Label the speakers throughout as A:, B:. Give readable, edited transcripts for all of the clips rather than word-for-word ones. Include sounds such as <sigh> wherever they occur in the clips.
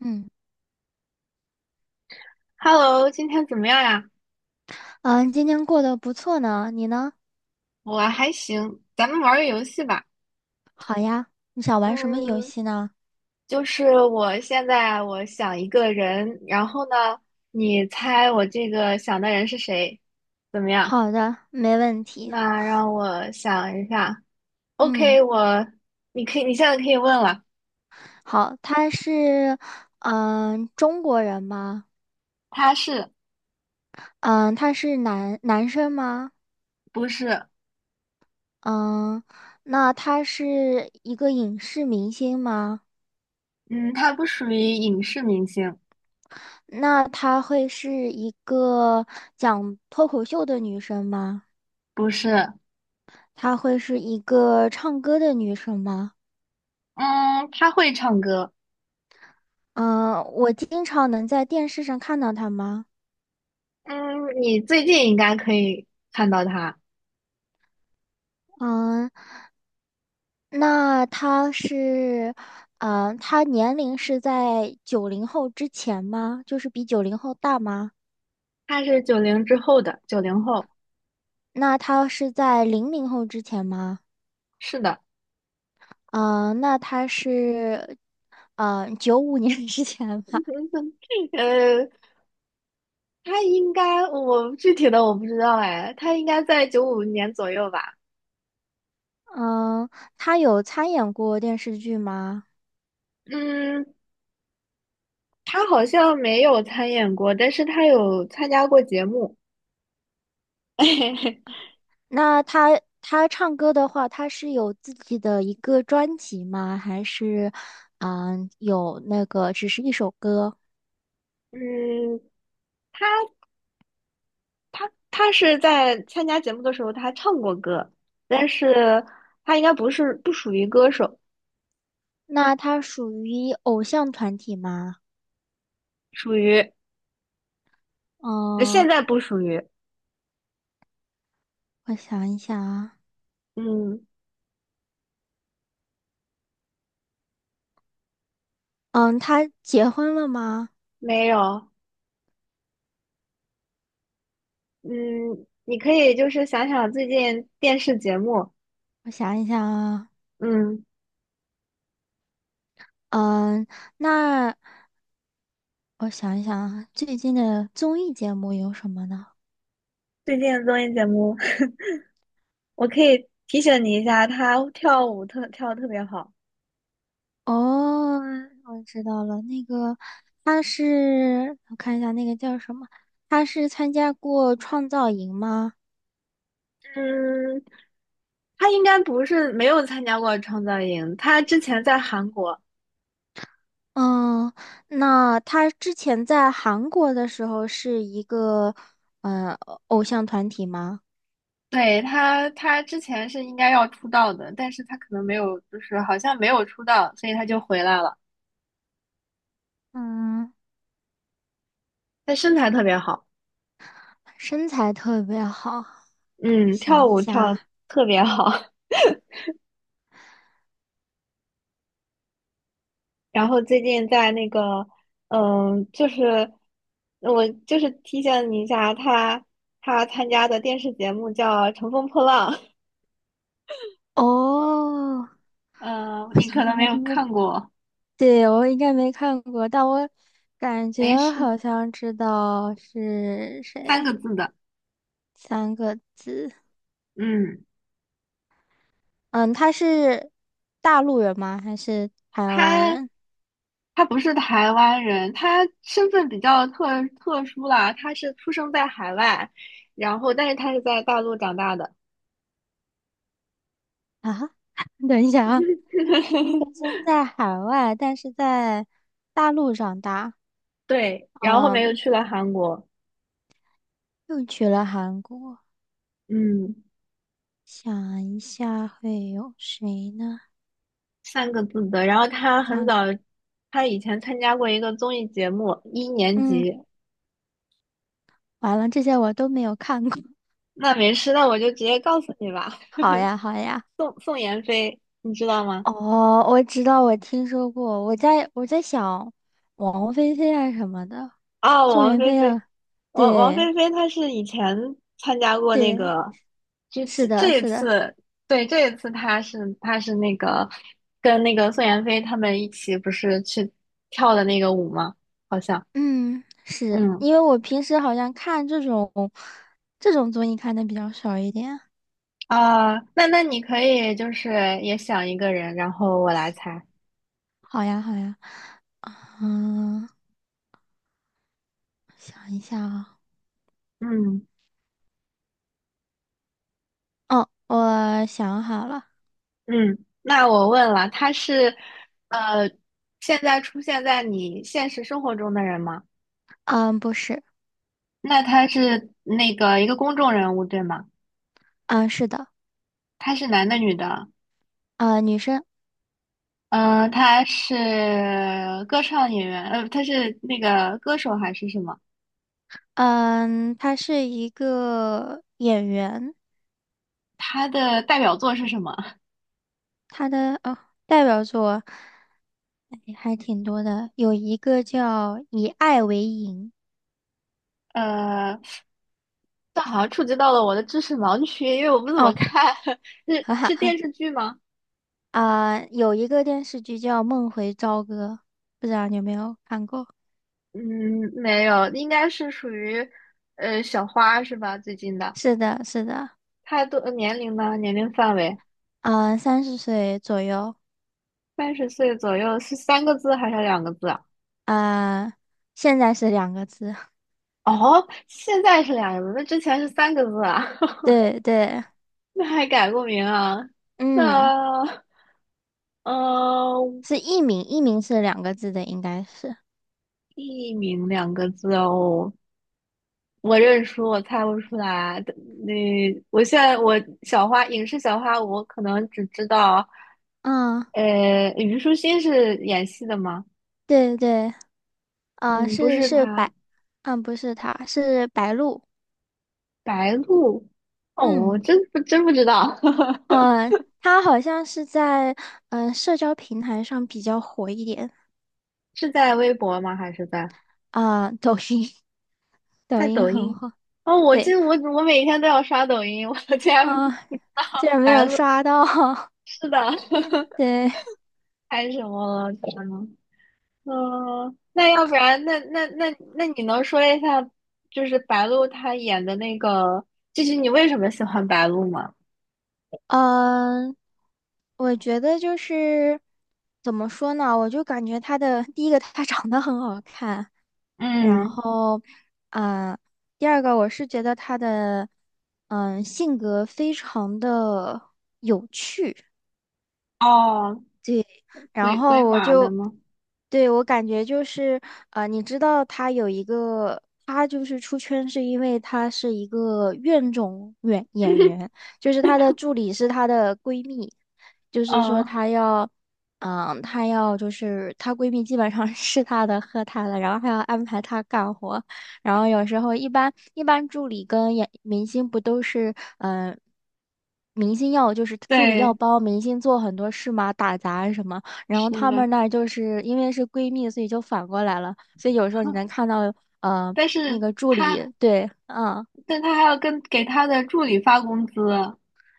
A: 嗯，
B: Hello，今天怎么样呀？
A: 嗯，今天过得不错呢，你呢？
B: 我还行，咱们玩儿个游戏吧。
A: 好呀，你想玩什么游
B: 嗯，
A: 戏呢？
B: 就是我现在我想一个人，然后呢，你猜我这个想的人是谁？怎么样？
A: 好的，没问题。
B: 那让我想一下。
A: 嗯，
B: OK，你现在可以问了。
A: 好，他是，嗯，中国人吗？
B: 他是
A: 嗯，他是男生吗？
B: 不是？
A: 嗯，那他是一个影视明星吗？
B: 嗯，他不属于影视明星，
A: 那他会是一个讲脱口秀的女生吗？
B: 不是。
A: 她会是一个唱歌的女生吗？
B: 嗯，他会唱歌。
A: 嗯，我经常能在电视上看到她吗？
B: 嗯，你最近应该可以看到他。
A: 嗯，那他是，嗯，他年龄是在九零后之前吗？就是比九零后大吗？
B: 他是九零之后的，九零后。
A: 那他是在00后之前吗？
B: 是的。
A: 嗯，那他是，嗯，95年 <laughs> 之前吧。
B: <laughs> 呃，他应该我具体的我不知道哎，他应该在95年左右吧？
A: 嗯，他有参演过电视剧吗？
B: 嗯，他好像没有参演过，但是他有参加过节目。<laughs>
A: 那他唱歌的话，他是有自己的一个专辑吗？还是，嗯，有那个只是一首歌？
B: 嗯，他他是在参加节目的时候，他唱过歌，但是他应该不属于歌手。
A: 那他属于偶像团体吗？
B: 属于。现
A: 嗯，
B: 在不属于。
A: 我想一想啊，
B: 嗯，
A: 嗯，他结婚了吗？
B: 没有。嗯，你可以就是想想最近电视节目。
A: 我想一想啊，
B: 嗯。
A: 嗯，那我想一想啊，最近的综艺节目有什么呢？
B: 最近的综艺节目。<laughs> 我可以提醒你一下，他跳舞跳的特别好。
A: 哦，我知道了，那个他是，我看一下那个叫什么，他是参加过创造营吗？
B: 嗯，他应该不是没有参加过创造营，他之前在韩国。
A: 嗯，那他之前在韩国的时候是一个，嗯偶像团体吗？
B: 对，他之前是应该要出道的，但是他可能没有，就是好像没有出道，所以他就回来了。
A: 嗯，
B: 他身材特别好。
A: 身材特别好，
B: 嗯，
A: 想
B: 跳
A: 一
B: 舞跳得
A: 下，
B: 特别好。然后最近在那个。嗯，就是我就是提醒你一下，他参加的电视节目叫《乘风破浪》。
A: 哦，
B: 嗯，
A: 我
B: 你
A: 想
B: 可能
A: 想
B: 没
A: 看什
B: 有
A: 么
B: 看过。
A: <laughs>？对，我应该没看过，但我感觉
B: 没事，
A: 好像知道是
B: 三
A: 谁，
B: 个字的。
A: 3个字。
B: 嗯，
A: 嗯，他是大陆人吗？还是台湾
B: 他
A: 人
B: 他不是台湾人，他身份比较特殊啦，他是出生在海外，然后但是他是在大陆长大的。
A: 啊？<laughs> 等一下啊，
B: <laughs>
A: 出生在海外，但是在大陆长大，
B: 对，然后后面又
A: 嗯，
B: 去了韩国。
A: 又去了韩国。
B: 嗯。
A: 想一下会有谁呢？
B: 三个字的。然后他很
A: 想，
B: 早，他以前参加过一个综艺节目，一年
A: 嗯。
B: 级。
A: 完了，这些我都没有看过。<laughs>
B: 那没事，那我就直接告诉你吧。
A: 好
B: <laughs>
A: 呀，好呀。
B: 宋妍霏，你知道吗？
A: 哦，我知道，我听说过。我在想，王菲菲啊什么的，
B: 啊，
A: 宋
B: 王
A: 妍
B: 菲
A: 霏
B: 菲。
A: 啊，
B: 王
A: 对
B: 菲菲她是以前参加过那
A: 对，
B: 个，就
A: 是的，
B: 这一
A: 是的，
B: 次。对，这一次她是那个跟那个宋妍霏他们一起不是去跳的那个舞吗？好像。
A: 嗯，是
B: 嗯。
A: 因为我平时好像看这种综艺看的比较少一点。
B: 啊，那你可以就是也想一个人，然后我来猜。
A: 好呀，好呀，嗯，想一下啊，
B: 嗯
A: 哦，我想好了，
B: 嗯，那我问了，他是呃，现在出现在你现实生活中的人吗？
A: 嗯，不是，
B: 那他是那个一个公众人物，对吗？
A: 嗯，是的，
B: 他是男的，女的？
A: 嗯，女生。
B: 嗯，他是歌唱演员。他是那个歌手还是什么？
A: 嗯，他是一个演员，
B: 他的代表作是什么？
A: 他的哦代表作哎还挺多的，有一个叫《以爱为营》
B: 呃，这好像触及到了我的知识盲区，因为我不怎么
A: 哦，
B: 看。<laughs>
A: 哈
B: 是电
A: 哈
B: 视剧吗？
A: 啊，有一个电视剧叫《梦回朝歌》，不知道你有没有看过？
B: 嗯，没有，应该是属于小花是吧？最近的。
A: 是的，是的，
B: 太多年龄呢？年龄范围
A: 嗯，30岁左右，
B: 30岁左右是三个字还是两个字啊？
A: 啊，现在是两个字，
B: 哦，现在是两个字，那之前是三个字啊？
A: <laughs>
B: <laughs>
A: 对对，
B: 那还改过名啊？
A: 嗯，
B: 那呃，
A: 是艺名，艺名是两个字的，应该是，
B: 艺名两个字哦。我认输，我猜不出来。的那我现在影视小花，我可能只知道。
A: 嗯，
B: 虞书欣是演戏的吗？
A: 对对。啊，
B: 嗯，不
A: 是
B: 是
A: 是
B: 她。
A: 白，嗯，不是他，是白鹿。
B: 白鹿。哦，
A: 嗯，
B: 我真不知道。<laughs>
A: 呃，他好像是在社交平台上比较火一点
B: 是在微博吗？还是
A: 啊、抖音，<laughs> 抖
B: 在
A: 音
B: 抖
A: 很
B: 音？
A: 火。
B: 哦，我记
A: 对，
B: 得我每天都要刷抖音，我的天。
A: 啊、竟然没
B: 白
A: 有
B: 鹿，
A: 刷到，<laughs>
B: 是的。
A: 也对，
B: <laughs> 还有什么了？天呐。那要不然，那你能说一下，就是白鹿她演的那个，就是你为什么喜欢白鹿吗？
A: 嗯、我觉得就是怎么说呢，我就感觉他的第一个，他长得很好看，然
B: 嗯。
A: 后，嗯，第二个我是觉得他的，嗯，性格非常的。
B: 哦，
A: 然
B: 鬼
A: 后我
B: 马的
A: 就，
B: 吗？
A: 对，我感觉就是，你知道他有一个，他就是出圈是因为他是一个怨种演员，就是他的助理是他的闺蜜，就是说
B: 嗯，
A: 她要，嗯，她要就是她闺蜜基本上 <laughs> 是她的喝她的，然后还要安排她干活，然后有时候一般助理跟演明星不都是，嗯、明星要就是助理要
B: 对，
A: 帮明星做很多事嘛，打杂什么。然后
B: 是
A: 她
B: 的，
A: 们那儿就是因为是闺蜜，所以就反过来了，所以有时候你能看到，呃，
B: 但
A: 那
B: 是
A: 个助
B: 他，
A: 理，对，嗯，
B: 但他还要给他的助理发工资，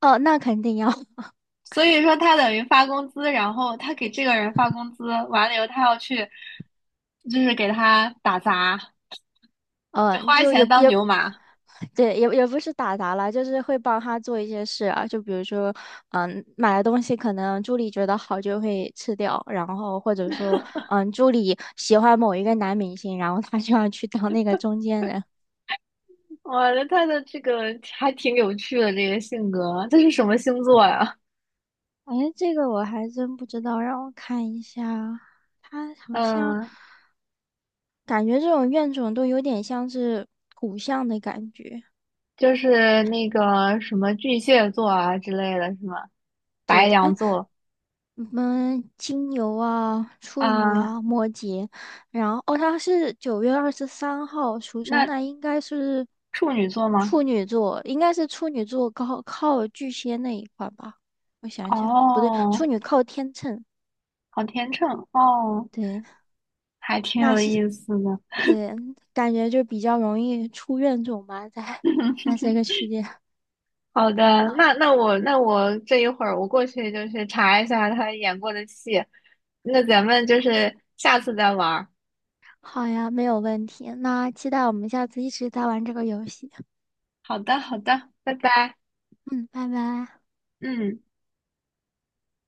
A: 哦，那肯定要，<laughs>
B: 所以说他等于发工资，然后他给这个人发工资，完了以后他要去，就是给他打杂，就
A: 嗯，
B: 花
A: 就也
B: 钱当
A: 也，
B: 牛马。
A: 对，也不是打杂了，就是会帮她做一些事啊，就比如说，嗯，买的东西可能助理觉得好就会吃掉，然后或者说，嗯，助理喜欢某一个男明星，然后她就要去当那个中间人。
B: 哇，那他的这个还挺有趣的，这个性格，这是什么星座呀？
A: 哎，这个我还真不知道，让我看一下，他好像。
B: 嗯，
A: 感觉这种怨种都有点像是骨相的感觉。
B: 就是那个什么巨蟹座啊之类的，是吗？白
A: 对，哎，
B: 羊座
A: 你们金牛啊、处女
B: 啊，
A: 啊、摩羯，然后哦，他是9月23号出生，
B: 那
A: 那应该是
B: 处女座吗？
A: 处女座，应该是处女座靠巨蟹那一块吧？我想想，不对，处
B: 哦，
A: 女靠天秤，
B: 好天秤哦，
A: 对，
B: 还挺
A: 那
B: 有
A: 是
B: 意思的。
A: 对，感觉就比较容易出怨种吧，在这个期间。
B: 好的，那我这一会儿过去就去查一下他演过的戏，那咱们就是下次再玩儿。
A: 好呀，没有问题。那期待我们下次一直在玩这个游戏。
B: 好的，好的，拜拜。
A: 嗯，拜拜。
B: 嗯。